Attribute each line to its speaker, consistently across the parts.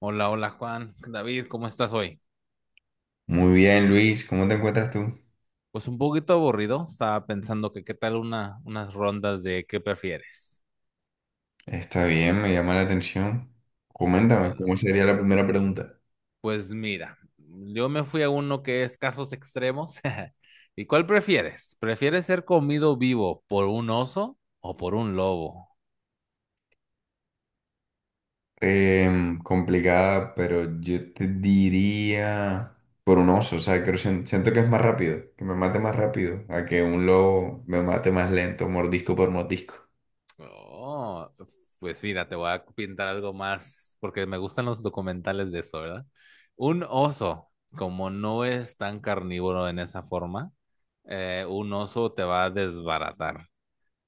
Speaker 1: Hola, hola Juan, David, ¿cómo estás hoy?
Speaker 2: Muy bien, Luis, ¿cómo te encuentras tú?
Speaker 1: Pues un poquito aburrido, estaba pensando que qué tal unas rondas de qué prefieres.
Speaker 2: Está bien, me llama la atención.
Speaker 1: Ah,
Speaker 2: Coméntame, ¿cómo
Speaker 1: bueno,
Speaker 2: sería la primera pregunta?
Speaker 1: pues mira, yo me fui a uno que es casos extremos. ¿Y cuál prefieres? ¿Prefieres ser comido vivo por un oso o por un lobo?
Speaker 2: Complicada, pero yo te diría por un oso, o sea, creo, siento que es más rápido, que me mate más rápido, a que un lobo me mate más lento, mordisco por mordisco.
Speaker 1: Oh, pues mira, te voy a pintar algo más, porque me gustan los documentales de eso, ¿verdad? Un oso, como no es tan carnívoro en esa forma, un oso te va a desbaratar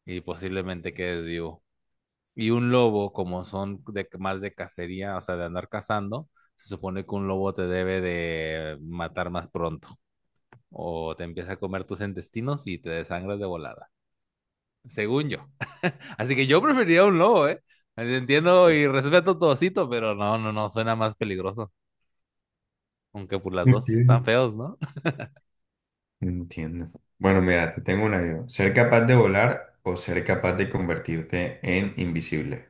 Speaker 1: y posiblemente quedes vivo. Y un lobo, como son de, más de cacería, o sea, de andar cazando, se supone que un lobo te debe de matar más pronto o te empieza a comer tus intestinos y te desangras de volada según yo. Así que yo preferiría un lobo, ¿eh? Entiendo y respeto todocito pero no, no, no, suena más peligroso. Aunque por las dos están
Speaker 2: Entiendo.
Speaker 1: feos, ¿no?
Speaker 2: Entiendo. Bueno, mira, te tengo una yo. ¿Ser capaz de volar o ser capaz de convertirte en invisible?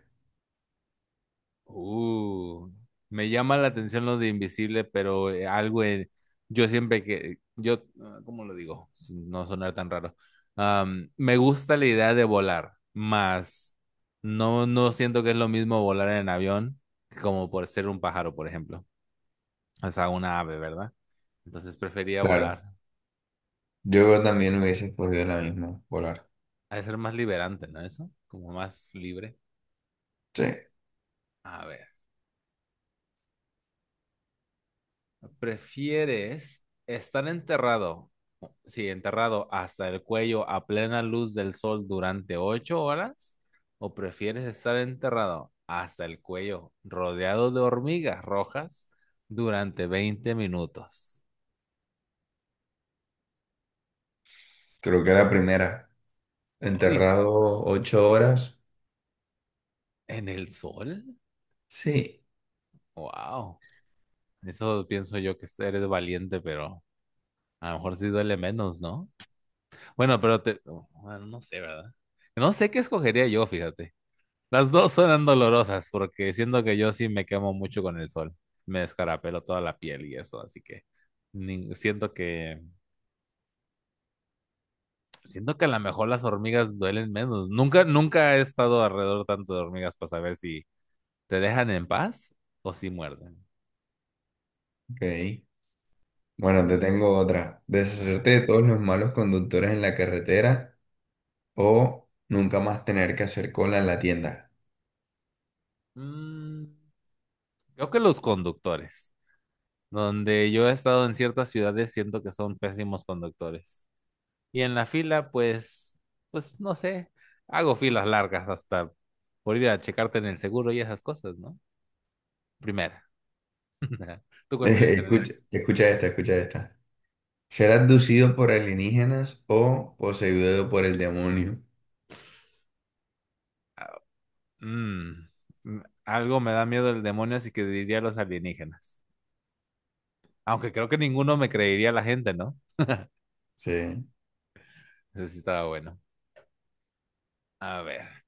Speaker 1: Uh, me llama la atención lo de invisible, pero yo siempre que, yo, ah, ¿cómo lo digo? Sin No sonar tan raro. Me gusta la idea de volar, más no, no siento que es lo mismo volar en avión como por ser un pájaro, por ejemplo. O sea, una ave, ¿verdad? Entonces prefería volar.
Speaker 2: Claro, yo también hubiese escogido la misma, volar.
Speaker 1: Ha de ser más liberante, ¿no? Eso, como más libre.
Speaker 2: Sí.
Speaker 1: A ver, ¿prefieres estar enterrado, sí, enterrado hasta el cuello a plena luz del sol durante 8 horas? ¿O prefieres estar enterrado hasta el cuello rodeado de hormigas rojas durante 20 minutos?
Speaker 2: Creo que la primera.
Speaker 1: ¡Ay!
Speaker 2: Enterrado 8 horas.
Speaker 1: ¿En el sol?
Speaker 2: Sí.
Speaker 1: ¡Wow! Eso pienso yo que este eres valiente, pero a lo mejor sí duele menos, ¿no? Bueno, pero te... oh, bueno, no sé, ¿verdad? No sé qué escogería yo, fíjate. Las dos suenan dolorosas porque siento que yo sí me quemo mucho con el sol. Me descarapelo toda la piel y eso, así que ni- siento que siento que a lo mejor las hormigas duelen menos. Nunca he estado alrededor tanto de hormigas para saber si te dejan en paz o si muerden.
Speaker 2: Ok. Bueno, te
Speaker 1: Mm,
Speaker 2: tengo otra.
Speaker 1: mm, a ver.
Speaker 2: Deshacerte de todos los malos conductores en la carretera o nunca más tener que hacer cola en la tienda.
Speaker 1: Mm, creo que los conductores. Donde yo he estado en ciertas ciudades siento que son pésimos conductores. Y en la fila, pues, pues no sé, hago filas largas hasta por ir a checarte en el seguro y esas cosas, ¿no? Primera. ¿Tú cuál seleccionarías?
Speaker 2: Escucha, escucha esta, escucha esta. Ser abducido por alienígenas o poseído por el demonio.
Speaker 1: Ah, mm, algo me da miedo el demonio, así que diría los alienígenas. Aunque creo que ninguno me creería la gente, ¿no?
Speaker 2: Sí,
Speaker 1: Eso sí estaba bueno. A ver.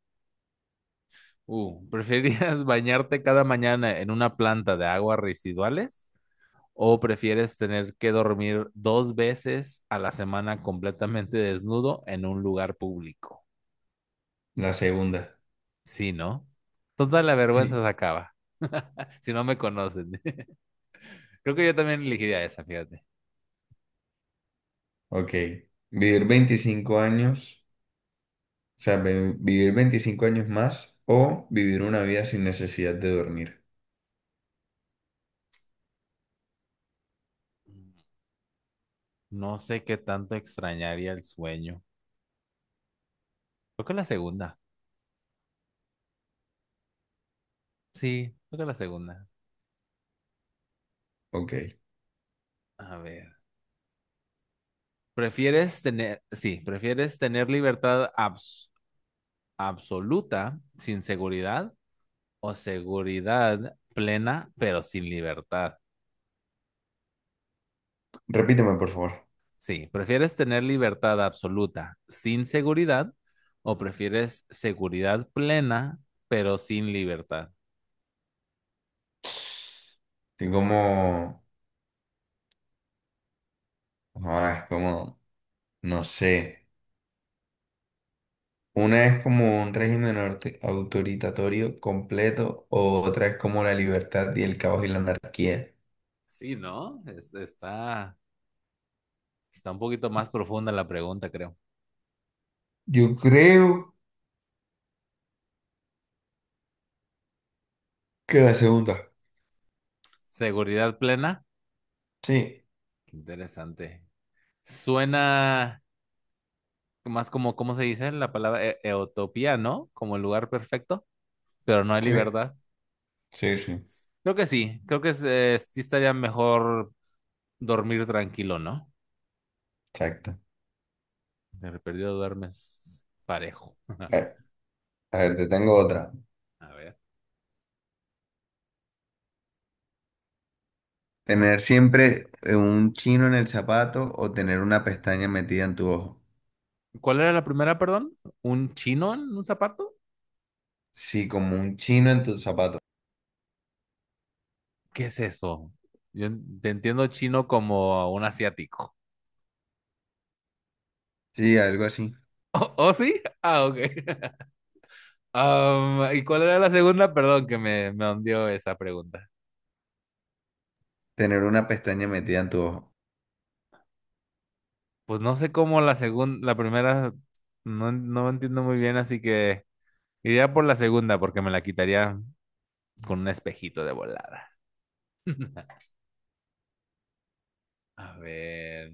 Speaker 1: ¿Preferirías bañarte cada mañana en una planta de aguas residuales? ¿O prefieres tener que dormir 2 veces a la semana completamente desnudo en un lugar público?
Speaker 2: la segunda.
Speaker 1: Sí, ¿no? Toda la vergüenza
Speaker 2: Sí.
Speaker 1: se acaba. Si no me conocen. Creo que yo también elegiría esa, fíjate.
Speaker 2: Ok. Vivir 25 años, o sea, vivir 25 años más o vivir una vida sin necesidad de dormir.
Speaker 1: No sé qué tanto extrañaría el sueño. Creo que la segunda. Sí, creo que la segunda.
Speaker 2: Ok.
Speaker 1: A ver. ¿Prefieres tener, sí, prefieres tener absoluta sin seguridad o seguridad plena pero sin libertad?
Speaker 2: Repíteme, por favor.
Speaker 1: Sí, ¿prefieres tener libertad absoluta sin seguridad o prefieres seguridad plena pero sin libertad?
Speaker 2: Estoy como... Ahora es como... No sé. Una es como un régimen autoritatorio completo o otra es como la libertad y el caos y la anarquía.
Speaker 1: Sí, ¿no? Está un poquito más profunda la pregunta, creo.
Speaker 2: Yo creo que la segunda.
Speaker 1: ¿Seguridad plena?
Speaker 2: Sí.
Speaker 1: Qué interesante. Suena más como, ¿cómo se dice la palabra? Eutopía, ¿no? Como el lugar perfecto, pero no hay
Speaker 2: Sí.
Speaker 1: libertad.
Speaker 2: Sí, sí.
Speaker 1: Creo que sí, creo que es, sí estaría mejor dormir tranquilo, ¿no?
Speaker 2: Exacto.
Speaker 1: De perdido duermes parejo.
Speaker 2: A ver, a ver, te tengo otra.
Speaker 1: A ver.
Speaker 2: ¿Tener siempre un chino en el zapato o tener una pestaña metida en tu ojo?
Speaker 1: ¿Cuál era la primera, perdón? ¿Un chino en un zapato?
Speaker 2: Sí, como un chino en tu zapato.
Speaker 1: ¿Qué es eso? Yo te entiendo chino como un asiático.
Speaker 2: Sí, algo así.
Speaker 1: ¿Oh, oh, sí? Ah, ok. ¿Y cuál era la segunda? Perdón que me hundió esa pregunta.
Speaker 2: Tener una pestaña metida en tu ojo.
Speaker 1: Pues no sé cómo la segunda, la primera, no, no entiendo muy bien, así que iría por la segunda porque me la quitaría con un espejito de volada. A ver.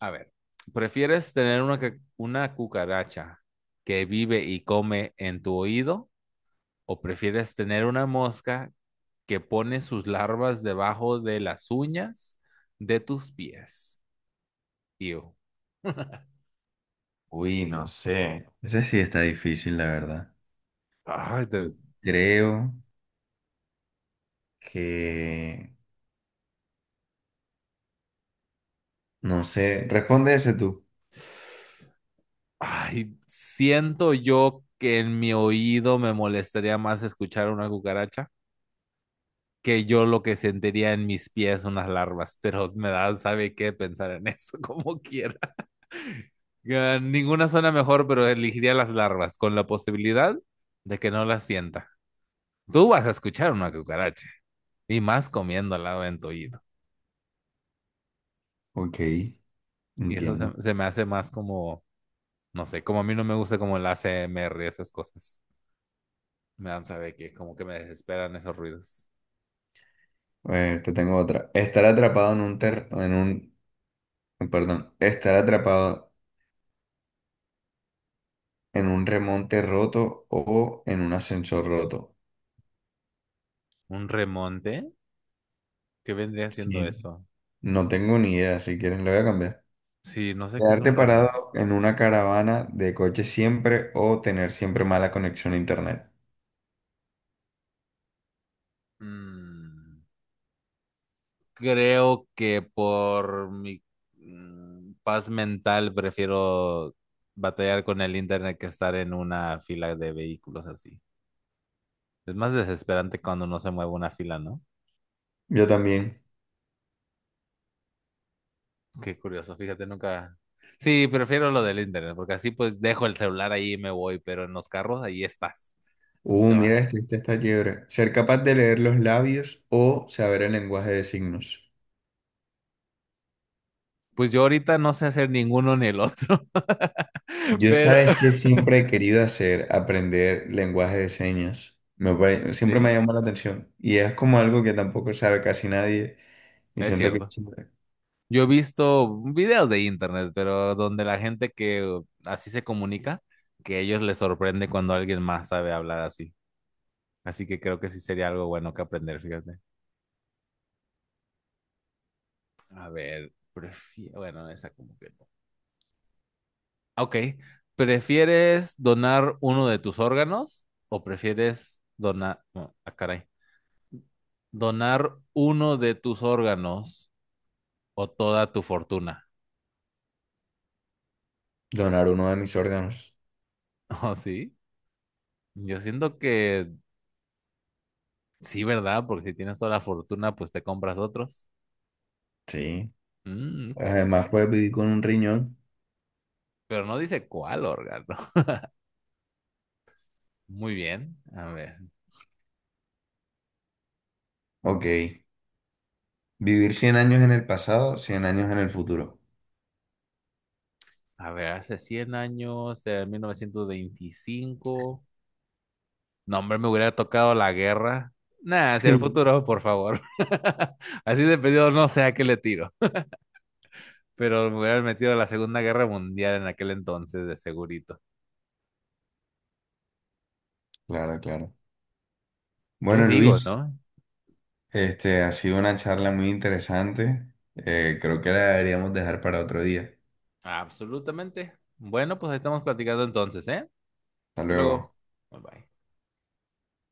Speaker 1: A ver, ¿prefieres tener una cucaracha que vive y come en tu oído o prefieres tener una mosca que pone sus larvas debajo de las uñas de tus pies? Ew.
Speaker 2: Uy, no sé. Ese sí está difícil, la verdad.
Speaker 1: Ay, te...
Speaker 2: Sí. Creo que... No sé. Responde ese tú.
Speaker 1: Ay, siento yo que en mi oído me molestaría más escuchar una cucaracha que yo lo que sentiría en mis pies unas larvas, pero me da, sabe qué pensar en eso como quiera. Ya, ninguna zona mejor, pero elegiría las larvas, con la posibilidad de que no las sienta. Tú vas a escuchar una cucaracha, y más comiendo al lado en tu oído.
Speaker 2: Ok,
Speaker 1: Y eso
Speaker 2: entiendo.
Speaker 1: se me hace más como, no sé, como a mí no me gusta como el ASMR esas cosas. Me dan saber que como que me desesperan esos ruidos.
Speaker 2: A ver, te tengo otra. Estar atrapado en un ter... en un... Perdón. Estar atrapado en un remonte roto o en un ascensor roto.
Speaker 1: ¿Un remonte? ¿Qué vendría siendo
Speaker 2: Sí.
Speaker 1: eso?
Speaker 2: No tengo ni idea. Si quieres, lo voy a cambiar.
Speaker 1: Sí, no sé qué es
Speaker 2: Quedarte
Speaker 1: un remonte.
Speaker 2: parado en una caravana de coche siempre o tener siempre mala conexión a internet.
Speaker 1: Mm. Creo que por mi paz mental prefiero batallar con el internet que estar en una fila de vehículos así. Es más desesperante cuando no se mueve una fila, ¿no?
Speaker 2: Yo también.
Speaker 1: Qué curioso, fíjate, nunca... Sí, prefiero lo del internet, porque así pues dejo el celular ahí y me voy, pero en los carros ahí estás. Te
Speaker 2: Mira,
Speaker 1: va.
Speaker 2: este, este está chévere. Ser capaz de leer los labios o saber el lenguaje de signos.
Speaker 1: Pues yo ahorita no sé hacer ninguno ni el otro,
Speaker 2: Yo
Speaker 1: pero
Speaker 2: sabes que siempre he querido hacer, aprender lenguaje de señas. Siempre me
Speaker 1: sí,
Speaker 2: llamó la atención. Y es como algo que tampoco sabe casi nadie. Y
Speaker 1: es
Speaker 2: siento que es
Speaker 1: cierto.
Speaker 2: chévere.
Speaker 1: Yo he visto videos de internet, pero donde la gente que así se comunica, que a ellos les sorprende cuando alguien más sabe hablar así. Así que creo que sí sería algo bueno que aprender, fíjate. A ver, prefiero, bueno, esa como que no. Ok, ¿prefieres donar uno de tus órganos o prefieres donar, no, ah, caray, donar uno de tus órganos o toda tu fortuna?
Speaker 2: Donar uno de mis órganos.
Speaker 1: ¿Oh, sí? Yo siento que... Sí, ¿verdad? Porque si tienes toda la fortuna, pues te compras otros.
Speaker 2: Sí.
Speaker 1: Mm, ok, ok.
Speaker 2: Además, puedes vivir con un riñón.
Speaker 1: Pero no dice cuál órgano. Muy bien. A ver.
Speaker 2: Ok. Vivir 100 años en el pasado, 100 años en el futuro.
Speaker 1: A ver, hace 100 años, en 1925. No, hombre, me hubiera tocado la guerra. Nada, hacia el
Speaker 2: Sí.
Speaker 1: futuro, por favor. Así de pedido, no sé a qué le tiro. Pero me hubieran metido a la Segunda Guerra Mundial en aquel entonces, de segurito.
Speaker 2: Claro, claro.
Speaker 1: Yo
Speaker 2: Bueno,
Speaker 1: digo,
Speaker 2: Luis.
Speaker 1: ¿no?
Speaker 2: Este, ha sido una charla muy interesante. Creo que la deberíamos dejar para otro día.
Speaker 1: Absolutamente. Bueno, pues ahí estamos platicando entonces, ¿eh?
Speaker 2: Hasta
Speaker 1: Hasta luego.
Speaker 2: luego.
Speaker 1: Bye bye.